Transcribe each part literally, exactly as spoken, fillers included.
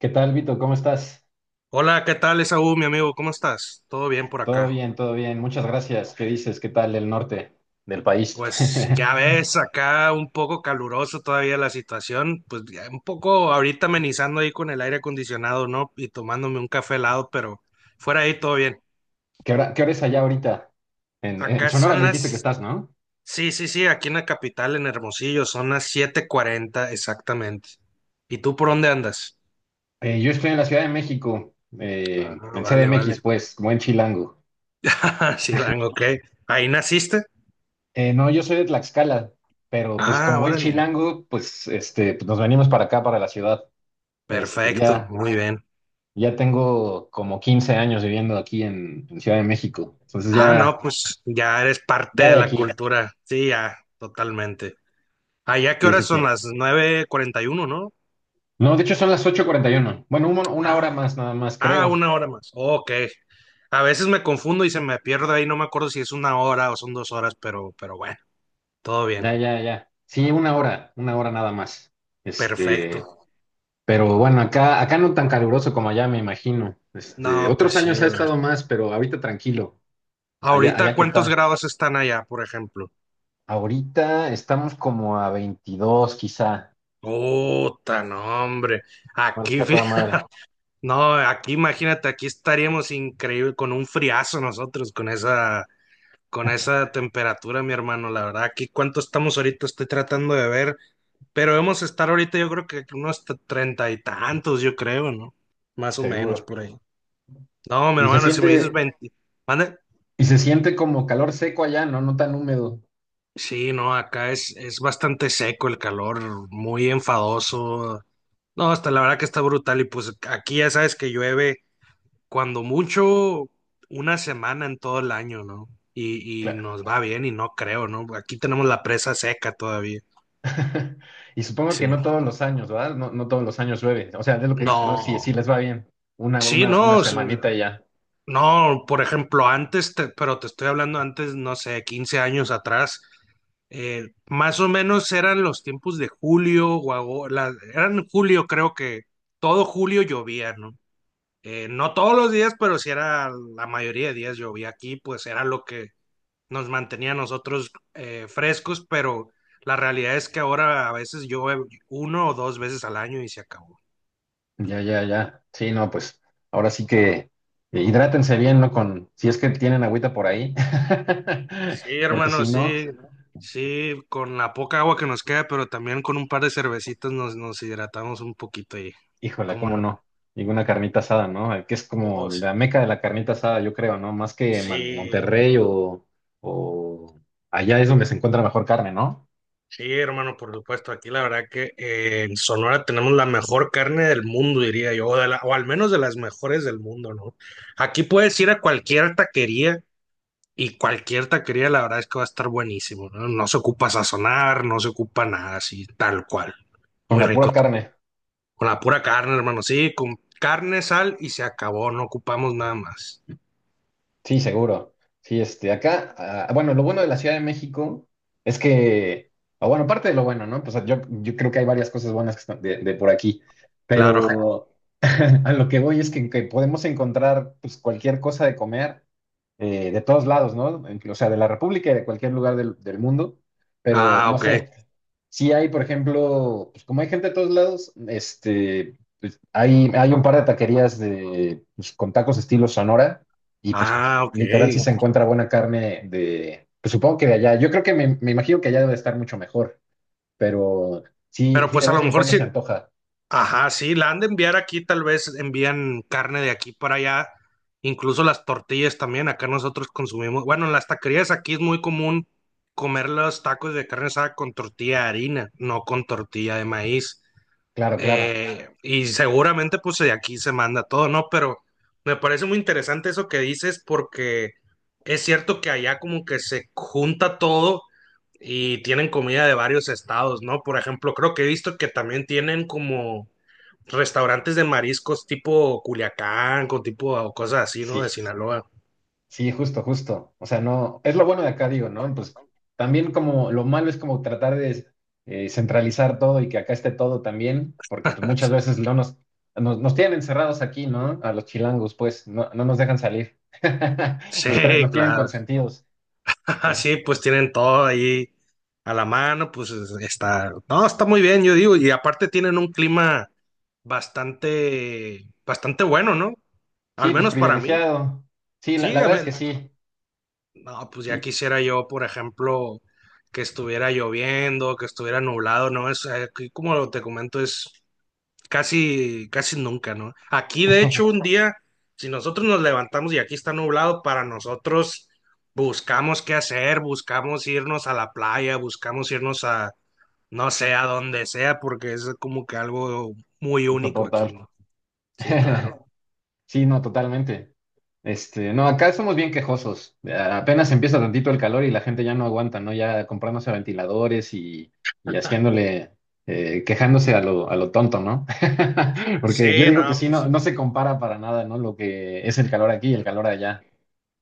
¿Qué tal, Vito? ¿Cómo estás? Hola, ¿qué tal, Esaú, mi amigo? ¿Cómo estás? ¿Todo bien por Todo acá? bien, todo bien. Muchas gracias. ¿Qué dices? ¿Qué tal el norte del país? Pues ya ves, acá un poco caluroso todavía la situación, pues ya un poco ahorita amenizando ahí con el aire acondicionado, ¿no? Y tomándome un café helado, pero fuera ahí todo bien. ¿Qué hora, qué hora es allá ahorita? En, en Acá Sonora son me dijiste que las. estás, ¿no? Sí, sí, sí, aquí en la capital, en Hermosillo, son las siete cuarenta exactamente. ¿Y tú por dónde andas? Eh, yo estoy en la Ciudad de México, Ah, eh, en vale, vale. C D M X, pues, buen chilango. Sí, ok. ¿Ahí naciste? Eh, no, yo soy de Tlaxcala, pero pues como Ah, buen órale. chilango, pues, este, pues, nos venimos para acá, para la ciudad. Este, Perfecto, ya, muy bien. ya tengo como quince años viviendo aquí en, en Ciudad de México. Entonces Ah, no, ya, pues ya eres parte ya de de la aquí. cultura. Sí, ya, totalmente. Allá, ¿qué Sí, sí, horas son? sí. Las nueve cuarenta y uno, ¿no? No, de hecho son las ocho cuarenta y uno. Bueno, un- una hora Ah, más nada más, ah, creo. una hora más. Ok. A veces me confundo y se me pierdo ahí, no me acuerdo si es una hora o son dos horas, pero, pero bueno, todo bien. Ya, ya, ya. Sí, una hora, una hora nada más. Perfecto. Este, pero bueno, acá, acá no tan caluroso como allá, me imagino. Este, No, pues Otros sí. años ha A ver. estado más, pero ahorita tranquilo. Allá, Ahorita, allá, ¿qué ¿cuántos tal? grados están allá, por ejemplo? Ahorita estamos como a veintidós quizá. Puta, no, hombre. Ahora es Aquí, que a toda madre. fíjate. No, aquí imagínate, aquí estaríamos increíble con un friazo nosotros, con esa Con esa temperatura, mi hermano, la verdad, aquí cuánto estamos ahorita, estoy tratando de ver, pero debemos estar ahorita, yo creo que unos t- treinta y tantos, yo creo, ¿no? Más o menos Seguro. por ahí. No, mi Y se hermano, si me dices siente, veinte, mande. y se siente como calor seco allá, ¿no? No tan húmedo. Sí, no, acá es, es bastante seco el calor, muy enfadoso. No, hasta la verdad que está brutal y pues aquí ya sabes que llueve cuando mucho una semana en todo el año, ¿no? Y, y nos va bien y no creo, ¿no? Aquí tenemos la presa seca todavía. Y supongo que Sí. no todos los años, ¿verdad? No, no todos los años llueve. O sea, es lo que dices, ¿no? Sí, No, sí les va bien. Una, sí, una, una no, es- semanita y ya. no, por ejemplo, antes, te- pero te estoy hablando antes, no sé, quince años atrás, eh, más o menos eran los tiempos de julio, o ago- la- eran julio, creo que todo julio llovía, ¿no? Eh, no todos los días, pero sí era la mayoría de días llovía aquí, pues era lo que nos mantenía a nosotros eh, frescos, pero la realidad es que ahora a veces llueve uno o dos veces al año y se acabó. Ya, ya, ya. Sí, no, pues ahora sí que eh, hidrátense bien, ¿no? Con, si es que tienen agüita por ahí. Sí, Porque hermano, si no, sí, sí, con la poca agua que nos queda, pero también con un par de cervecitas nos, nos hidratamos un poquito y, híjola, ¿cómo ¿cómo no? no? Y una carnita asada, ¿no? Eh, Que es Oh, como sí. la meca de la carnita asada, yo creo, ¿no? Más que Man- Sí, Monterrey o, o allá es donde se encuentra mejor carne, ¿no? sí, hermano, por supuesto. Aquí la verdad que eh, en Sonora tenemos la mejor carne del mundo, diría yo, o, de la- o al menos de las mejores del mundo, ¿no? Aquí puedes ir a cualquier taquería y cualquier taquería, la verdad es que va a estar buenísimo, ¿no? No se ocupa sazonar, no se ocupa nada así, tal cual. Con Muy la rico. pura carne. Con la pura carne, hermano. Sí, con carne, sal y se acabó. No ocupamos nada más. Sí, seguro. Sí, este, acá, ah, bueno, lo bueno de la Ciudad de México es que, o bueno, parte de lo bueno, ¿no? Pues yo, yo creo que hay varias cosas buenas que están de, de por aquí, Claro. pero a lo que voy es que, que podemos encontrar pues cualquier cosa de comer eh, de todos lados, ¿no? En- O sea, de la República y de cualquier lugar del, del mundo, pero Ah, no ok. sé, si hay, por ejemplo, pues como hay gente de todos lados, este, pues hay, hay un par de taquerías de, pues, con tacos estilo Sonora y pues Ah, ok. literal sí se encuentra buena carne de, pues supongo que de allá, yo creo que me, me imagino que allá debe estar mucho mejor, pero sí, Pero sí de pues a vez lo en mejor cuando sí. se antoja, Ajá, sí, la han de enviar aquí. Tal vez envían carne de aquí para allá. Incluso las tortillas también. Acá nosotros consumimos. Bueno, en las taquerías aquí es muy común comer los tacos de carne asada con tortilla de harina, no con tortilla de maíz. claro, claro, Eh, y seguramente pues de aquí se manda todo, ¿no? Pero me parece muy interesante eso que dices porque es cierto que allá como que se junta todo y tienen comida de varios estados, ¿no? Por ejemplo, creo que he visto que también tienen como restaurantes de mariscos tipo Culiacán, con tipo o cosas así, ¿no? De sí. Sinaloa. Sí, justo, justo. O sea, no, es lo bueno de acá, digo, ¿no? Pues también como lo malo es como tratar de eh, centralizar todo y que acá esté todo también, porque pues muchas veces no nos, nos, nos tienen encerrados aquí, ¿no? A los chilangos, pues, no, no nos dejan salir. Nos, tra- Sí, nos tienen claro. consentidos. Sí, Es, pues tienen todo ahí a la mano, pues está, no, está muy bien, yo digo, y aparte tienen un clima bastante, bastante bueno, ¿no? Al sí, pues menos para mí. privilegiado. Sí, la, la Sí, a verdad es que ver, sí, no, pues ya sí. quisiera yo, por ejemplo, que estuviera lloviendo, que estuviera nublado, ¿no? Es, eh, aquí, como te comento, es casi, casi nunca, ¿no? Aquí, de hecho, un día, si nosotros nos levantamos y aquí está nublado, para nosotros buscamos qué hacer, buscamos irnos a la playa, buscamos irnos a, no sé, a donde sea, porque es como que algo muy único aquí, Insoportable. ¿no? Sí, claro. Sí, no, totalmente. Este, no, acá somos bien quejosos. A- Apenas empieza tantito el calor y la gente ya no aguanta, ¿no? Ya comprándose ventiladores y, y haciéndole, eh, quejándose a lo, a lo tonto, ¿no? Porque yo Sí, digo que no, sí, pues no, no se compara para nada, ¿no? Lo que es el calor aquí y el calor allá.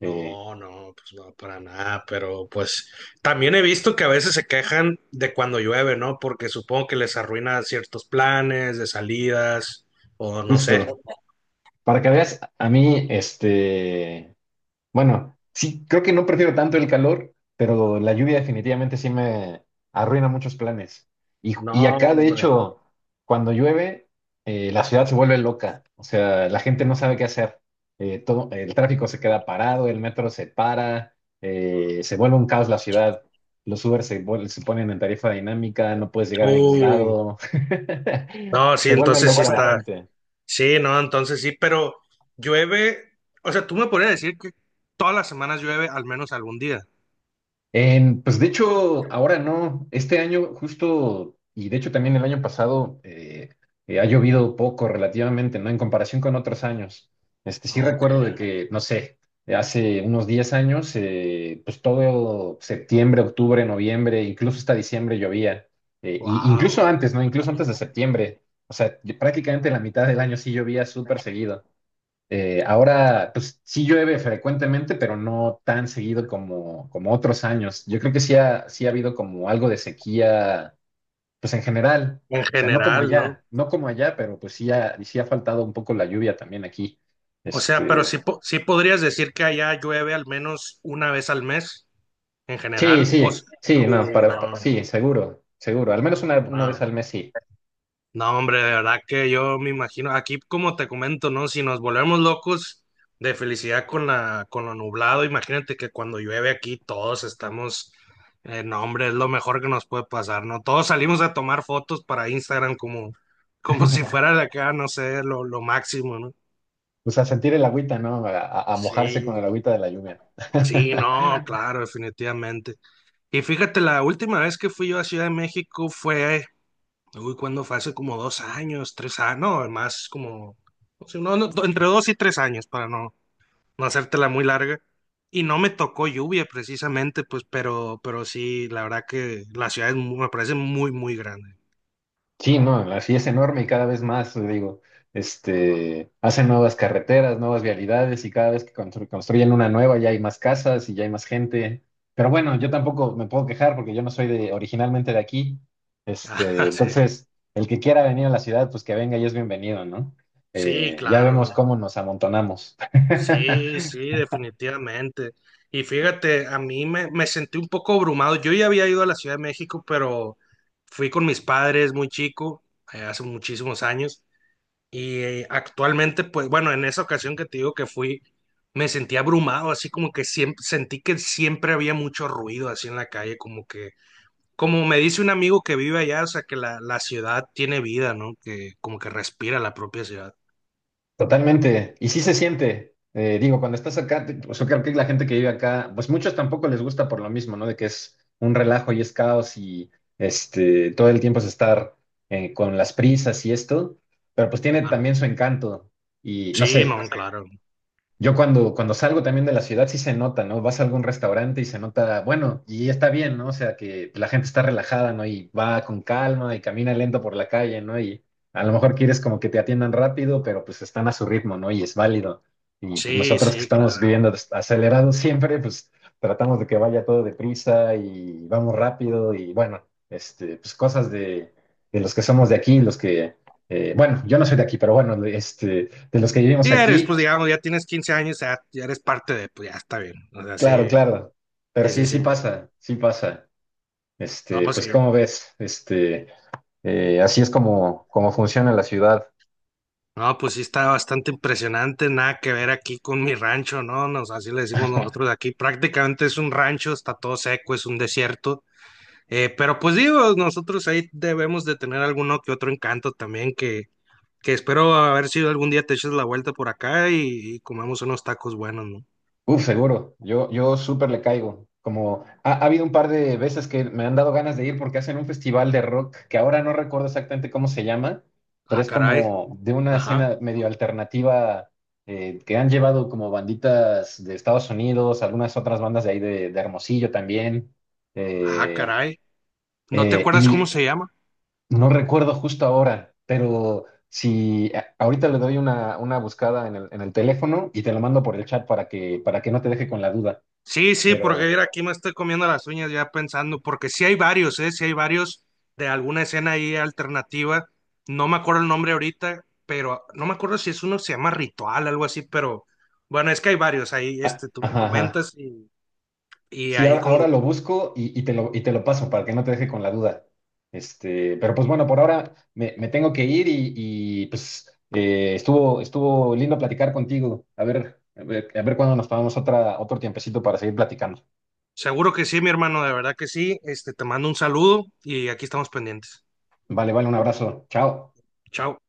Eh, no, pues no, para nada, pero pues también he visto que a veces se quejan de cuando llueve, ¿no? Porque supongo que les arruina ciertos planes de salidas o no sé. Justo. Para que veas, a mí, este, Bueno, sí, creo que no prefiero tanto el calor, pero la lluvia definitivamente sí me arruina muchos planes. Y, No, y acá, de hombre. hecho, cuando llueve, eh, la ciudad se vuelve loca. O sea, la gente no sabe qué hacer. Eh, todo, el tráfico se queda parado, el metro se para, eh, se vuelve un caos la ciudad. Los Uber se, vuel- se ponen en tarifa dinámica, no puedes llegar a ningún Uh, lado. no, sí, Se vuelve entonces sí loca la está. gente. Sí, no, entonces sí, pero llueve, o sea, tú me podrías decir que todas las semanas llueve al menos algún día. En- pues de hecho, ahora no, este año justo, y de hecho también el año pasado, eh, eh, ha llovido poco relativamente, ¿no? En comparación con otros años. Este, sí Ok, recuerdo de que, no sé, eh, hace unos diez años, eh, pues todo septiembre, octubre, noviembre, incluso hasta diciembre llovía. Eh, y incluso wow. antes, ¿no? Incluso antes de septiembre. O sea, yo- prácticamente la mitad del año sí llovía súper seguido. Eh, ahora, pues sí llueve frecuentemente, pero no tan seguido como, como otros años. Yo creo que sí ha, sí ha habido como algo de sequía, pues en general. En O sea, no como general, ¿no? allá, no como allá, pero pues sí ha, sí ha faltado un poco la lluvia también aquí. O sea, pero sí, Este, po- sí podrías decir que allá llueve al menos una vez al mes en sí, general. O s- sí, sí, no, Uh, para, pa- no, sí, seguro, seguro. Al menos una, una vez al no, mes sí. no, hombre, de verdad que yo me imagino, aquí como te comento, ¿no? Si nos volvemos locos de felicidad con la, con lo nublado, imagínate que cuando llueve aquí todos estamos, eh, no, hombre, es lo mejor que nos puede pasar, ¿no? Todos salimos a tomar fotos para Instagram como, como si fuera de acá, no sé, lo, lo máximo, ¿no? O sea, sentir el agüita, ¿no? A, a- a mojarse con Sí, el agüita de la lluvia. sí, no, claro, definitivamente. Y fíjate, la última vez que fui yo a Ciudad de México fue, uy, cuando fue hace como dos años, tres años, no, más como, no sé, no, no, do- entre dos y tres años para no, no hacértela muy larga. Y no me tocó lluvia precisamente, pues, pero, pero sí, la verdad que la ciudad es mu- me parece muy, muy grande. Sí, no, la- sí es enorme y cada vez más, te digo, este, hacen nuevas carreteras, nuevas vialidades y cada vez que constru- construyen una nueva ya hay más casas y ya hay más gente. Pero bueno, yo tampoco me puedo quejar porque yo no soy de, originalmente de aquí. Este, Ah, sí, Entonces, el que quiera venir a la ciudad, pues que venga y es bienvenido, ¿no? sí, Eh, ya vemos claro. cómo nos amontonamos. Sí, sí, definitivamente. Y fíjate, a mí me, me sentí un poco abrumado. Yo ya había ido a la Ciudad de México, pero fui con mis padres muy chico, eh, hace muchísimos años. Y eh, actualmente, pues bueno, en esa ocasión que te digo que fui, me sentí abrumado, así como que siempre, sentí que siempre había mucho ruido así en la calle, como que, como me dice un amigo que vive allá, o sea, que la, la ciudad tiene vida, ¿no? Que como que respira la propia ciudad. Totalmente. Y sí se siente. Eh, digo, cuando estás acá, te- pues yo creo que la gente que vive acá, pues muchos tampoco les gusta por lo mismo, ¿no? De que es un relajo y es caos y este, todo el tiempo es estar eh, con las prisas y esto, pero pues tiene Claro. también su encanto. Y no Sí, no, sé, claro. yo cuando, cuando salgo también de la ciudad sí se nota, ¿no? Vas a algún restaurante y se nota, bueno, y está bien, ¿no? O sea, que la gente está relajada, ¿no? Y va con calma y camina lento por la calle, ¿no? Y a lo mejor quieres como que te atiendan rápido, pero pues están a su ritmo, ¿no? Y es válido. Y pues Sí, nosotros que sí, estamos claro. viviendo des- acelerados siempre, pues tratamos de que vaya todo deprisa y vamos rápido y bueno, este, pues cosas de, de los que somos de aquí, los que, eh, bueno, yo no soy de aquí, pero bueno, de- este de los que vivimos Sí, eres, aquí, pues digamos, ya tienes quince años, ya, ya eres parte de, pues ya está bien. O sea, claro, sí, claro. Pero sí, sí, sí, sí sí. pasa, sí pasa. Este, No, sí. Pues como ves, este, eh, así es como, como funciona la ciudad. No, pues sí está bastante impresionante, nada que ver aquí con mi rancho, ¿no? Nos, así le decimos nosotros aquí. Prácticamente es un rancho, está todo seco, es un desierto. Eh, pero pues digo, nosotros ahí debemos de tener alguno que otro encanto también, que, que espero haber sido algún día te eches la vuelta por acá y, y comemos unos tacos buenos, ¿no? Uf, seguro. Yo, yo súper le caigo. Como ha, ha habido un par de veces que me han dado ganas de ir porque hacen un festival de rock que ahora no recuerdo exactamente cómo se llama, pero Ah, es caray. como de una Ajá. escena medio alternativa eh, que han llevado como banditas de Estados Unidos, algunas otras bandas de ahí de, de Hermosillo también. Ah, Eh, caray. ¿No te eh, acuerdas cómo y, se llama? No recuerdo justo ahora, pero si a- ahorita le doy una, una buscada en el, en el teléfono y te lo mando por el chat para que, para que no te deje con la duda. Sí, sí, porque Pero, mira, aquí me estoy comiendo las uñas ya pensando, porque sí hay varios, ¿eh? Sí hay varios de alguna escena ahí alternativa. No me acuerdo el nombre ahorita, pero no me acuerdo si es uno que se llama Ritual, algo así, pero bueno, es que hay varios ahí, ah, este, tú me ajá, ajá. comentas y, y Sí, ahí ahora, con. ahora lo busco y, y te lo, y te lo paso para que no te deje con la duda. Este, pero pues bueno, por ahora me, me tengo que ir y, y, pues eh, estuvo, estuvo lindo platicar contigo. A ver, a ver, a ver cuándo nos tomamos otra, otro tiempecito para seguir platicando. Seguro que sí, mi hermano, de verdad que sí. Este, te mando un saludo y aquí estamos pendientes. Vale, vale, un abrazo. Chao. Chao.